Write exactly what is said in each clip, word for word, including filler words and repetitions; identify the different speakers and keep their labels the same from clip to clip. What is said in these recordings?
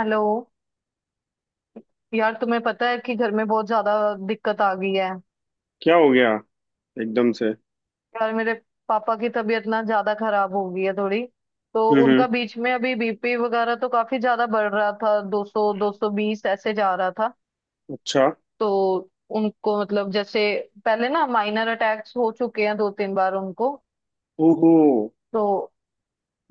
Speaker 1: Hello. यार तुम्हें पता है कि घर में बहुत ज्यादा दिक्कत आ गई है।
Speaker 2: क्या हो गया एकदम से।
Speaker 1: यार मेरे पापा की तबीयत ना ज्यादा खराब हो गई है थोड़ी। तो
Speaker 2: हम्म। हम्म।
Speaker 1: उनका बीच में अभी बीपी वगैरह तो काफी ज्यादा बढ़ रहा था, दो सौ दो सौ बीस ऐसे जा रहा था।
Speaker 2: अच्छा।
Speaker 1: तो उनको मतलब जैसे पहले ना माइनर अटैक्स हो चुके हैं, दो तीन बार उनको।
Speaker 2: ओहो।
Speaker 1: तो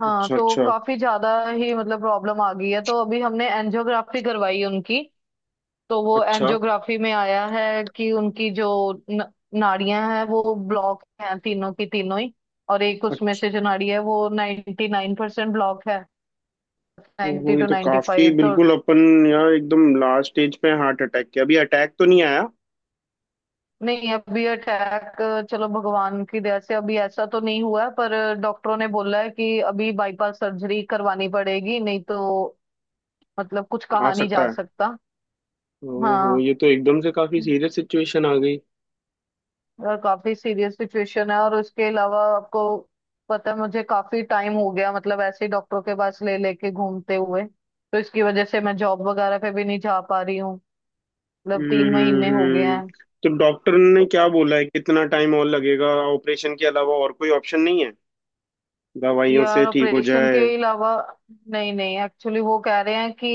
Speaker 1: हाँ,
Speaker 2: अच्छा।
Speaker 1: तो
Speaker 2: अच्छा।
Speaker 1: काफी ज्यादा ही मतलब प्रॉब्लम आ गई है, तो अभी हमने एंजियोग्राफी करवाई उनकी। तो वो
Speaker 2: अच्छा।
Speaker 1: एंजियोग्राफी में आया है कि उनकी जो न, नाड़ियां हैं, वो ब्लॉक हैं, तीनों की तीनों ही। और एक उसमें
Speaker 2: अच्छा।
Speaker 1: से जो नाड़ी है वो निन्यानवे परसेंट नाइन परसेंट ब्लॉक है,
Speaker 2: ओहो,
Speaker 1: नब्बे
Speaker 2: ये
Speaker 1: टू
Speaker 2: तो काफी
Speaker 1: पचानवे तो।
Speaker 2: बिल्कुल अपन। यार एकदम लास्ट स्टेज पे हार्ट अटैक के। अभी अटैक तो नहीं आया?
Speaker 1: नहीं, अभी अटैक, चलो भगवान की दया से अभी ऐसा तो नहीं हुआ है, पर डॉक्टरों ने बोला है कि अभी बाईपास सर्जरी करवानी पड़ेगी, नहीं तो मतलब कुछ
Speaker 2: आ
Speaker 1: कहा नहीं जा
Speaker 2: सकता है।
Speaker 1: सकता।
Speaker 2: ओहो,
Speaker 1: हाँ,
Speaker 2: ये तो एकदम से काफी सीरियस सिचुएशन आ गई।
Speaker 1: यार काफी सीरियस सिचुएशन है, और उसके अलावा आपको पता है मुझे काफी टाइम हो गया मतलब ऐसे ही डॉक्टरों के पास ले लेके घूमते हुए, तो इसकी वजह से मैं जॉब वगैरह पे भी नहीं जा पा रही हूँ। मतलब
Speaker 2: हम्म
Speaker 1: तीन
Speaker 2: हम्म
Speaker 1: महीने हो गए
Speaker 2: हम्म।
Speaker 1: हैं।
Speaker 2: तो डॉक्टर ने
Speaker 1: तो
Speaker 2: क्या बोला है, कितना टाइम और लगेगा? ऑपरेशन के अलावा और कोई ऑप्शन नहीं है? दवाइयों
Speaker 1: यार
Speaker 2: से ठीक हो
Speaker 1: ऑपरेशन के
Speaker 2: जाए।
Speaker 1: अलावा, नहीं नहीं, एक्चुअली वो कह रहे हैं कि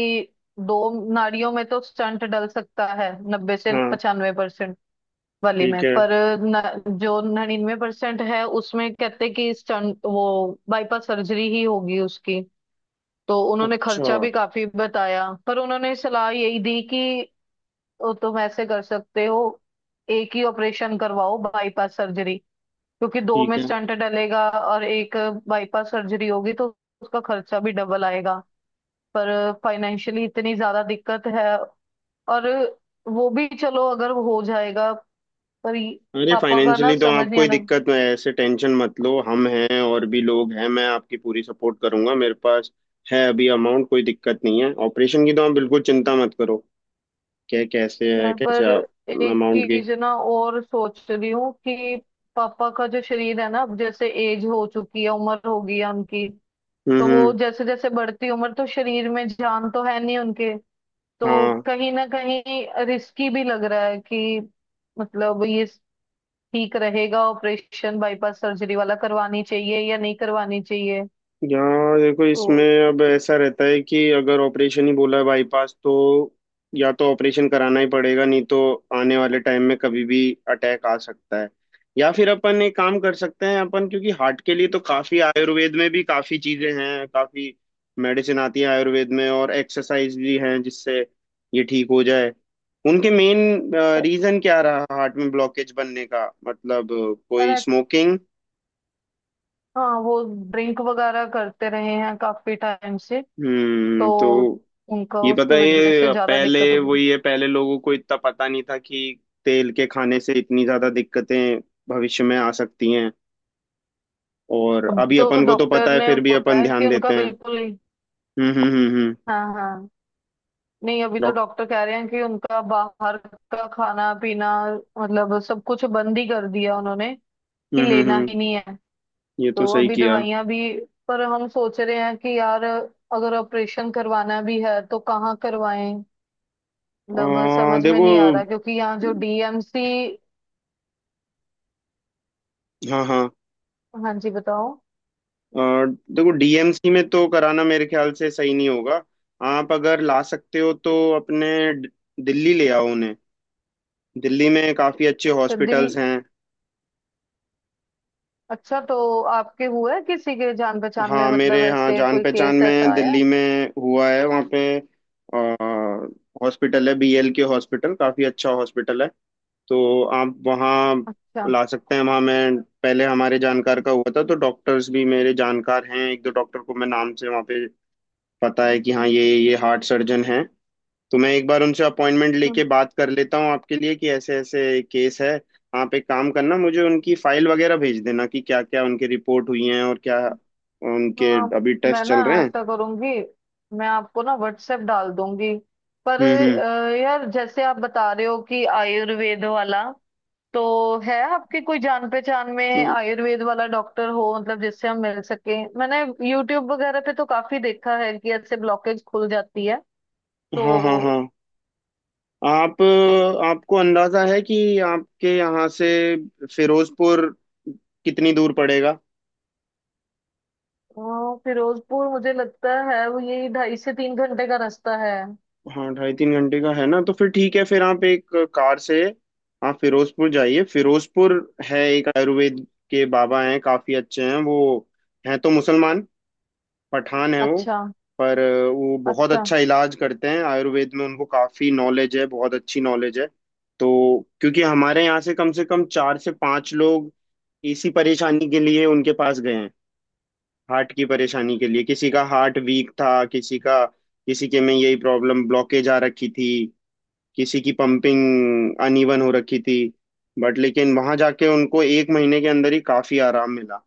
Speaker 1: दो नाड़ियों में तो स्टंट डल सकता है, नब्बे से
Speaker 2: हाँ।
Speaker 1: पचानवे परसेंट वाली
Speaker 2: ठीक
Speaker 1: में।
Speaker 2: है।
Speaker 1: पर न, जो निन्यानवे परसेंट है उसमें कहते कि स्टंट वो, बाईपास सर्जरी ही होगी उसकी। तो उन्होंने
Speaker 2: अच्छा।
Speaker 1: खर्चा भी काफी बताया, पर उन्होंने सलाह यही दी कि "ओ, तुम ऐसे कर सकते हो, एक ही ऑपरेशन करवाओ बाईपास सर्जरी, क्योंकि दो में
Speaker 2: ठीक है।
Speaker 1: स्टंट डलेगा और एक बाईपास सर्जरी होगी तो उसका खर्चा भी डबल आएगा। पर फाइनेंशियली इतनी ज्यादा दिक्कत है। और वो भी चलो अगर वो हो जाएगा। पर ये-
Speaker 2: अरे
Speaker 1: पापा का ना
Speaker 2: फाइनेंशियली तो
Speaker 1: समझ
Speaker 2: आप
Speaker 1: नहीं
Speaker 2: कोई
Speaker 1: आना।
Speaker 2: दिक्कत नहीं है, ऐसे टेंशन मत लो, हम हैं और भी लोग हैं, मैं आपकी पूरी सपोर्ट करूंगा। मेरे पास है अभी, अमाउंट कोई दिक्कत नहीं है ऑपरेशन की, तो आप बिल्कुल चिंता मत करो। क्या कैसे है,
Speaker 1: यार
Speaker 2: कैसे
Speaker 1: पर
Speaker 2: आप?
Speaker 1: एक
Speaker 2: अमाउंट की।
Speaker 1: चीज ना और सोच रही हूँ कि पापा का जो शरीर है ना, अब जैसे एज हो चुकी है, उम्र हो गई है उनकी।
Speaker 2: हम्म।
Speaker 1: तो वो
Speaker 2: हम्म।
Speaker 1: जैसे जैसे बढ़ती उम्र तो शरीर में जान तो है नहीं उनके। तो
Speaker 2: हाँ।
Speaker 1: कहीं ना कहीं रिस्की भी लग रहा है कि मतलब ये ठीक रहेगा, ऑपरेशन बाईपास सर्जरी वाला करवानी चाहिए या नहीं करवानी चाहिए।
Speaker 2: यहाँ देखो,
Speaker 1: तो
Speaker 2: इसमें अब ऐसा रहता है कि अगर ऑपरेशन ही बोला है बाईपास, तो या तो ऑपरेशन कराना ही पड़ेगा, नहीं तो आने वाले टाइम में कभी भी अटैक आ सकता है। या फिर अपन एक काम कर सकते हैं अपन, क्योंकि हार्ट के लिए तो काफी आयुर्वेद में भी काफी चीजें हैं, काफी मेडिसिन आती है आयुर्वेद में, और एक्सरसाइज भी हैं जिससे ये ठीक हो जाए। उनके मेन रीजन क्या रहा हार्ट में ब्लॉकेज बनने का, मतलब कोई
Speaker 1: और
Speaker 2: स्मोकिंग?
Speaker 1: हाँ, वो ड्रिंक वगैरह करते रहे हैं काफी टाइम से, तो
Speaker 2: हम्म तो
Speaker 1: उनका
Speaker 2: ये
Speaker 1: उसकी
Speaker 2: पता है,
Speaker 1: वजह से
Speaker 2: ये
Speaker 1: ज्यादा
Speaker 2: पहले
Speaker 1: दिक्कत हो गई।
Speaker 2: वही है, पहले लोगों को इतना पता नहीं था कि तेल के खाने से इतनी ज्यादा दिक्कतें भविष्य में आ सकती हैं। और
Speaker 1: अभी
Speaker 2: अभी
Speaker 1: तो
Speaker 2: अपन को तो
Speaker 1: डॉक्टर
Speaker 2: पता है,
Speaker 1: ने
Speaker 2: फिर भी
Speaker 1: बोला
Speaker 2: अपन
Speaker 1: है कि
Speaker 2: ध्यान
Speaker 1: उनका
Speaker 2: देते हैं।
Speaker 1: बिल्कुल ही।
Speaker 2: हम्म। हम्म। हम्म। हम्म
Speaker 1: हाँ हाँ। नहीं, अभी तो
Speaker 2: डॉक
Speaker 1: डॉक्टर कह रहे हैं कि उनका बाहर का खाना पीना मतलब सब कुछ बंद ही कर दिया उन्होंने, कि
Speaker 2: हम्म। हम्म।
Speaker 1: लेना
Speaker 2: हम्म।
Speaker 1: ही नहीं है।
Speaker 2: ये तो
Speaker 1: तो
Speaker 2: सही
Speaker 1: अभी
Speaker 2: किया।
Speaker 1: दवाइयां भी। पर हम सोच रहे हैं कि यार अगर ऑपरेशन करवाना भी है तो कहाँ करवाएं। मतलब
Speaker 2: आ,
Speaker 1: समझ में
Speaker 2: देखो।
Speaker 1: नहीं आ रहा क्योंकि यहाँ जो डीएमसी।
Speaker 2: हाँ। हाँ।
Speaker 1: हाँ जी, बताओ।
Speaker 2: आ, देखो, डीएमसी में तो कराना मेरे ख्याल से सही नहीं होगा। आप अगर ला सकते हो तो अपने ड- दिल्ली ले आओ उन्हें। दिल्ली में काफी अच्छे
Speaker 1: अच्छा दिल।
Speaker 2: हॉस्पिटल्स हैं।
Speaker 1: अच्छा, तो आपके हुआ है किसी के जान पहचान में,
Speaker 2: हाँ,
Speaker 1: मतलब
Speaker 2: मेरे हाँ
Speaker 1: ऐसे
Speaker 2: जान
Speaker 1: कोई
Speaker 2: पहचान
Speaker 1: केस ऐसा
Speaker 2: में
Speaker 1: आया है?
Speaker 2: दिल्ली में हुआ है। वहाँ पे हॉस्पिटल है, बीएल के हॉस्पिटल, काफ़ी अच्छा हॉस्पिटल है। तो आप वहाँ
Speaker 1: अच्छा।
Speaker 2: ला सकते हैं। वहाँ मैं, पहले हमारे जानकार का हुआ था, तो डॉक्टर्स भी मेरे जानकार हैं। एक दो डॉक्टर को मैं नाम से वहाँ पे पता है कि हाँ ये ये हार्ट सर्जन हैं। तो मैं एक बार उनसे अपॉइंटमेंट
Speaker 1: हम्म,
Speaker 2: लेके बात कर लेता हूँ आपके लिए कि ऐसे ऐसे केस है। आप एक काम करना, मुझे उनकी फाइल वगैरह भेज देना कि क्या क्या उनकी रिपोर्ट हुई है और क्या
Speaker 1: हम्म।
Speaker 2: उनके
Speaker 1: हाँ,
Speaker 2: अभी
Speaker 1: मैं
Speaker 2: टेस्ट
Speaker 1: ना
Speaker 2: चल रहे हैं।
Speaker 1: ऐसा करूंगी, मैं आपको ना व्हाट्सएप डाल दूंगी। पर
Speaker 2: हम्म।
Speaker 1: अ, यार जैसे आप बता रहे हो कि आयुर्वेद वाला, तो है आपके कोई जान पहचान में
Speaker 2: हम्म।
Speaker 1: आयुर्वेद वाला डॉक्टर, हो मतलब जिससे हम मिल सके? मैंने यूट्यूब वगैरह पे तो काफी देखा है कि ऐसे ब्लॉकेज खुल जाती है।
Speaker 2: हाँ हाँ हाँ।
Speaker 1: तो
Speaker 2: आप, आपको अंदाजा है कि आपके यहाँ से फिरोजपुर कितनी दूर पड़ेगा?
Speaker 1: हाँ, फिरोजपुर मुझे लगता है वो यही ढाई से तीन घंटे का रास्ता है।
Speaker 2: हाँ ढाई तीन घंटे का है ना, तो फिर ठीक है, फिर आप एक कार से आप फिरोजपुर जाइए। फिरोजपुर है एक आयुर्वेद के बाबा, हैं काफी अच्छे हैं वो। हैं तो मुसलमान, पठान है वो,
Speaker 1: अच्छा।
Speaker 2: पर वो बहुत
Speaker 1: अच्छा।
Speaker 2: अच्छा इलाज करते हैं। आयुर्वेद में उनको काफी नॉलेज है, बहुत अच्छी नॉलेज है। तो क्योंकि हमारे यहाँ से कम से कम चार से पांच लोग इसी परेशानी के लिए उनके पास गए हैं, हार्ट की परेशानी के लिए। किसी का हार्ट वीक था, किसी का, किसी के में यही प्रॉब्लम ब्लॉकेज आ रखी थी, किसी की पंपिंग अनइवन हो रखी थी, बट लेकिन वहां जाके उनको एक महीने के अंदर ही काफी आराम मिला।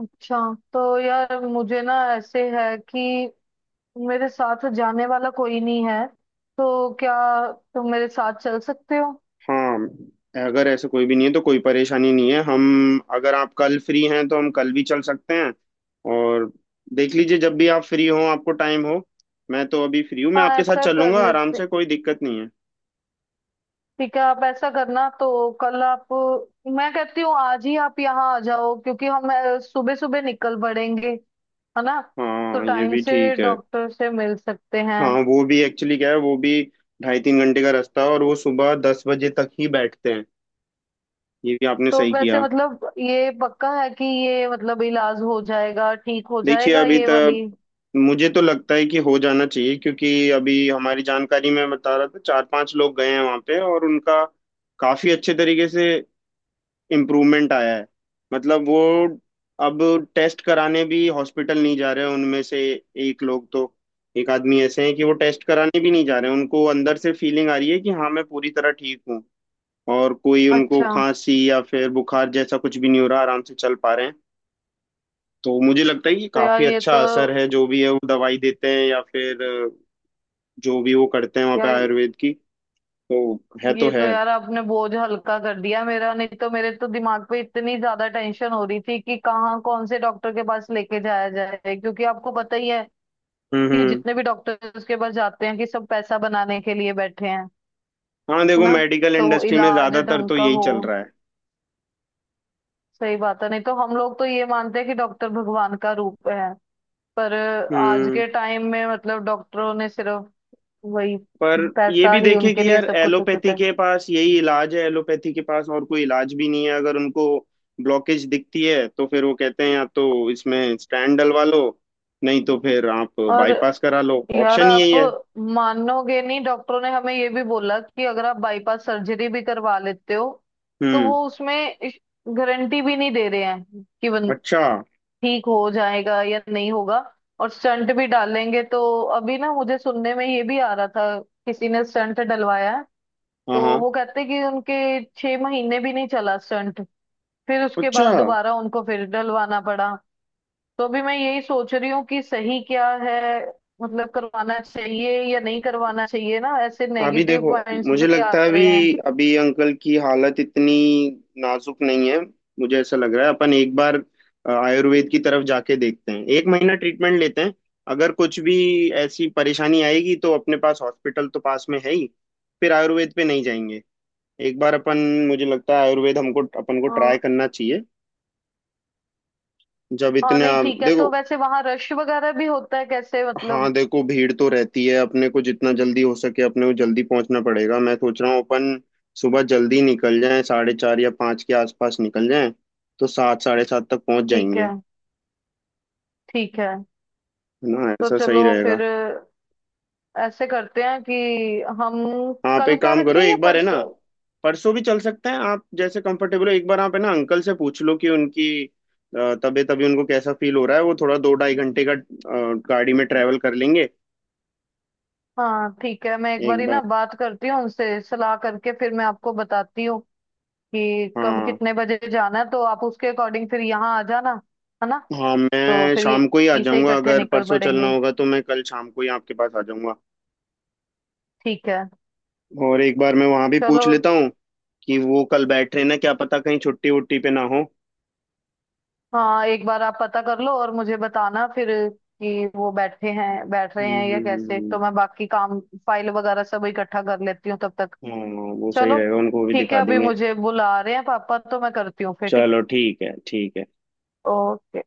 Speaker 1: अच्छा, तो यार मुझे ना ऐसे है कि मेरे साथ जाने वाला कोई नहीं है, तो क्या तुम मेरे साथ चल सकते हो?
Speaker 2: हाँ, अगर ऐसे कोई भी नहीं है तो कोई परेशानी नहीं है हम, अगर आप कल फ्री हैं तो हम कल भी चल सकते हैं। और देख लीजिए, जब भी आप फ्री हो, आपको टाइम हो। मैं तो अभी फ्री हूँ, मैं
Speaker 1: हाँ,
Speaker 2: आपके साथ
Speaker 1: ऐसा कर
Speaker 2: चलूंगा आराम
Speaker 1: लेते।
Speaker 2: से, कोई दिक्कत नहीं है।
Speaker 1: ठीक है, आप ऐसा करना तो कल आप, मैं कहती हूँ आज ही आप यहाँ आ जाओ क्योंकि हम सुबह सुबह निकल पड़ेंगे, है ना? तो
Speaker 2: हाँ ये
Speaker 1: टाइम
Speaker 2: भी
Speaker 1: से
Speaker 2: ठीक है।
Speaker 1: डॉक्टर से मिल सकते हैं।
Speaker 2: हाँ, वो भी एक्चुअली क्या है, वो भी ढाई तीन घंटे का रास्ता है, और वो सुबह दस बजे तक ही बैठते हैं। ये भी आपने
Speaker 1: तो
Speaker 2: सही
Speaker 1: वैसे
Speaker 2: किया।
Speaker 1: मतलब ये पक्का है कि ये मतलब इलाज हो जाएगा, ठीक हो
Speaker 2: देखिए
Speaker 1: जाएगा
Speaker 2: अभी
Speaker 1: ये वाली?
Speaker 2: तक, मुझे तो लगता है कि हो जाना चाहिए, क्योंकि अभी हमारी जानकारी में बता रहा था चार पांच लोग गए हैं वहां पे, और उनका काफी अच्छे तरीके से इम्प्रूवमेंट आया है। मतलब वो अब टेस्ट कराने भी हॉस्पिटल नहीं जा रहे हैं उनमें से। एक लोग तो, एक आदमी ऐसे हैं कि वो टेस्ट कराने भी नहीं जा रहे हैं, उनको अंदर से फीलिंग आ रही है कि हाँ मैं पूरी तरह ठीक हूँ। और कोई उनको
Speaker 1: अच्छा।
Speaker 2: खांसी या फिर बुखार जैसा कुछ भी नहीं हो रहा, आराम से चल पा रहे हैं। तो मुझे लगता है कि
Speaker 1: तो यार
Speaker 2: काफी
Speaker 1: ये
Speaker 2: अच्छा
Speaker 1: तो
Speaker 2: असर है, जो भी है वो दवाई देते हैं या फिर अ, जो भी वो करते हैं वहाँ पे
Speaker 1: यार
Speaker 2: आयुर्वेद की। तो है
Speaker 1: ये
Speaker 2: तो
Speaker 1: तो
Speaker 2: है।
Speaker 1: यार आपने बोझ हल्का कर दिया मेरा, नहीं तो मेरे तो दिमाग पे इतनी ज्यादा टेंशन हो रही थी कि कहाँ कौन से डॉक्टर के पास लेके जाया जाए, क्योंकि आपको पता ही है
Speaker 2: हम्म।
Speaker 1: कि
Speaker 2: हम्म।
Speaker 1: जितने भी डॉक्टर्स के पास जाते हैं कि सब पैसा बनाने के लिए बैठे हैं,
Speaker 2: हाँ
Speaker 1: है
Speaker 2: देखो,
Speaker 1: ना?
Speaker 2: मेडिकल
Speaker 1: तो वो
Speaker 2: इंडस्ट्री में
Speaker 1: इलाज
Speaker 2: ज्यादातर
Speaker 1: ढंग
Speaker 2: तो
Speaker 1: का
Speaker 2: यही
Speaker 1: हो,
Speaker 2: चल रहा है।
Speaker 1: सही बात है। नहीं तो हम लोग तो ये मानते हैं कि डॉक्टर भगवान का रूप है, पर आज
Speaker 2: हम्म
Speaker 1: के टाइम में मतलब डॉक्टरों ने सिर्फ वही,
Speaker 2: पर ये
Speaker 1: पैसा
Speaker 2: भी
Speaker 1: ही
Speaker 2: देखें
Speaker 1: उनके
Speaker 2: कि
Speaker 1: लिए
Speaker 2: यार
Speaker 1: सब कुछ हो चुका
Speaker 2: एलोपैथी
Speaker 1: है।
Speaker 2: के पास यही इलाज है, एलोपैथी के पास और कोई इलाज भी नहीं है। अगर उनको ब्लॉकेज दिखती है तो फिर वो कहते हैं या तो इसमें स्टैंड डलवा लो, नहीं तो फिर आप
Speaker 1: और
Speaker 2: बाईपास करा लो,
Speaker 1: यार
Speaker 2: ऑप्शन ही
Speaker 1: आप
Speaker 2: यही है।
Speaker 1: मानोगे नहीं, डॉक्टरों ने हमें ये भी बोला कि अगर आप बाईपास सर्जरी भी करवा लेते हो तो वो
Speaker 2: हम्म।
Speaker 1: उसमें गारंटी भी नहीं दे रहे हैं कि बन-
Speaker 2: अच्छा।
Speaker 1: ठीक हो जाएगा या नहीं होगा। और स्टंट भी डालेंगे तो अभी ना मुझे सुनने में ये भी आ रहा था, किसी ने स्टंट डलवाया है
Speaker 2: हाँ
Speaker 1: तो
Speaker 2: हाँ।
Speaker 1: वो कहते कि उनके छह महीने भी नहीं चला स्टंट, फिर उसके
Speaker 2: अच्छा।
Speaker 1: बाद दोबारा उनको फिर डलवाना पड़ा। तो अभी मैं यही सोच रही हूँ कि सही क्या है, मतलब करवाना चाहिए या नहीं करवाना चाहिए, ना ऐसे
Speaker 2: अभी
Speaker 1: नेगेटिव
Speaker 2: देखो,
Speaker 1: पॉइंट्स
Speaker 2: मुझे
Speaker 1: भी आ
Speaker 2: लगता है
Speaker 1: रहे हैं।
Speaker 2: अभी अभी अंकल की हालत इतनी नाजुक नहीं है। मुझे ऐसा लग रहा है, अपन एक बार अ, आयुर्वेद की तरफ जाके देखते हैं, एक महीना ट्रीटमेंट लेते हैं। अगर कुछ भी ऐसी परेशानी आएगी तो अपने पास हॉस्पिटल तो पास में है ही, फिर आयुर्वेद पे नहीं जाएंगे। एक बार अपन, मुझे लगता है आयुर्वेद हमको अपन को
Speaker 1: हाँ
Speaker 2: ट्राई करना चाहिए। जब
Speaker 1: हाँ।
Speaker 2: इतना
Speaker 1: नहीं ठीक है, तो
Speaker 2: देखो।
Speaker 1: वैसे वहां रश वगैरह भी होता है, कैसे
Speaker 2: हाँ
Speaker 1: मतलब?
Speaker 2: देखो, भीड़ तो रहती है, अपने को जितना जल्दी हो सके अपने को जल्दी पहुंचना पड़ेगा। मैं सोच रहा हूँ अपन सुबह जल्दी निकल जाएं, साढ़े चार या पाँच के आसपास निकल जाएं, तो सात साढ़े सात तक पहुंच
Speaker 1: ठीक है।
Speaker 2: जाएंगे।
Speaker 1: ठीक है,
Speaker 2: है ना,
Speaker 1: तो
Speaker 2: ऐसा
Speaker 1: चलो
Speaker 2: सही रहेगा।
Speaker 1: फिर ऐसे करते हैं कि हम
Speaker 2: आप
Speaker 1: कल
Speaker 2: एक
Speaker 1: का
Speaker 2: काम करो
Speaker 1: रखें या
Speaker 2: एक बार, है ना।
Speaker 1: परसों?
Speaker 2: परसों भी चल सकते हैं, आप जैसे कंफर्टेबल हो, एक बार आप है ना अंकल से पूछ लो कि उनकी अ, तबीयत अभी उनको कैसा फील हो रहा है, वो थोड़ा दो ढाई घंटे का अ, गाड़ी में ट्रैवल कर लेंगे।
Speaker 1: हाँ ठीक है, मैं एक
Speaker 2: एक
Speaker 1: बारी ना
Speaker 2: बार।
Speaker 1: बात करती हूँ उनसे, सलाह करके फिर मैं आपको बताती हूँ कि कब
Speaker 2: हाँ।
Speaker 1: कितने बजे जाना है, तो आप उसके अकॉर्डिंग फिर यहाँ आ जाना, है ना?
Speaker 2: हाँ
Speaker 1: तो
Speaker 2: मैं
Speaker 1: फिर ये-
Speaker 2: शाम को ही आ
Speaker 1: यहीं से
Speaker 2: जाऊंगा,
Speaker 1: इकट्ठे
Speaker 2: अगर
Speaker 1: निकल
Speaker 2: परसों
Speaker 1: पड़ेंगे।
Speaker 2: चलना होगा तो मैं कल शाम को ही आपके पास आ जाऊंगा।
Speaker 1: ठीक है।
Speaker 2: और एक बार मैं वहां भी
Speaker 1: चलो।
Speaker 2: पूछ लेता हूँ कि वो कल बैठ रहे ना, क्या पता कहीं छुट्टी वुट्टी पे ना हो।
Speaker 1: हाँ, एक बार आप पता कर लो और मुझे बताना फिर कि वो बैठे हैं, बैठ रहे
Speaker 2: हम्म।
Speaker 1: हैं या
Speaker 2: हम्म।
Speaker 1: कैसे,
Speaker 2: हम्म।
Speaker 1: तो मैं बाकी काम, फाइल वगैरह सब इकट्ठा कर लेती हूँ तब तक।
Speaker 2: हम्म। हाँ वो सही
Speaker 1: चलो
Speaker 2: रहेगा, उनको भी
Speaker 1: ठीक है,
Speaker 2: दिखा
Speaker 1: अभी
Speaker 2: देंगे।
Speaker 1: मुझे बुला रहे हैं पापा, तो मैं करती हूँ फिर। ठीक।
Speaker 2: चलो, ठीक है, ठीक है।
Speaker 1: ओके।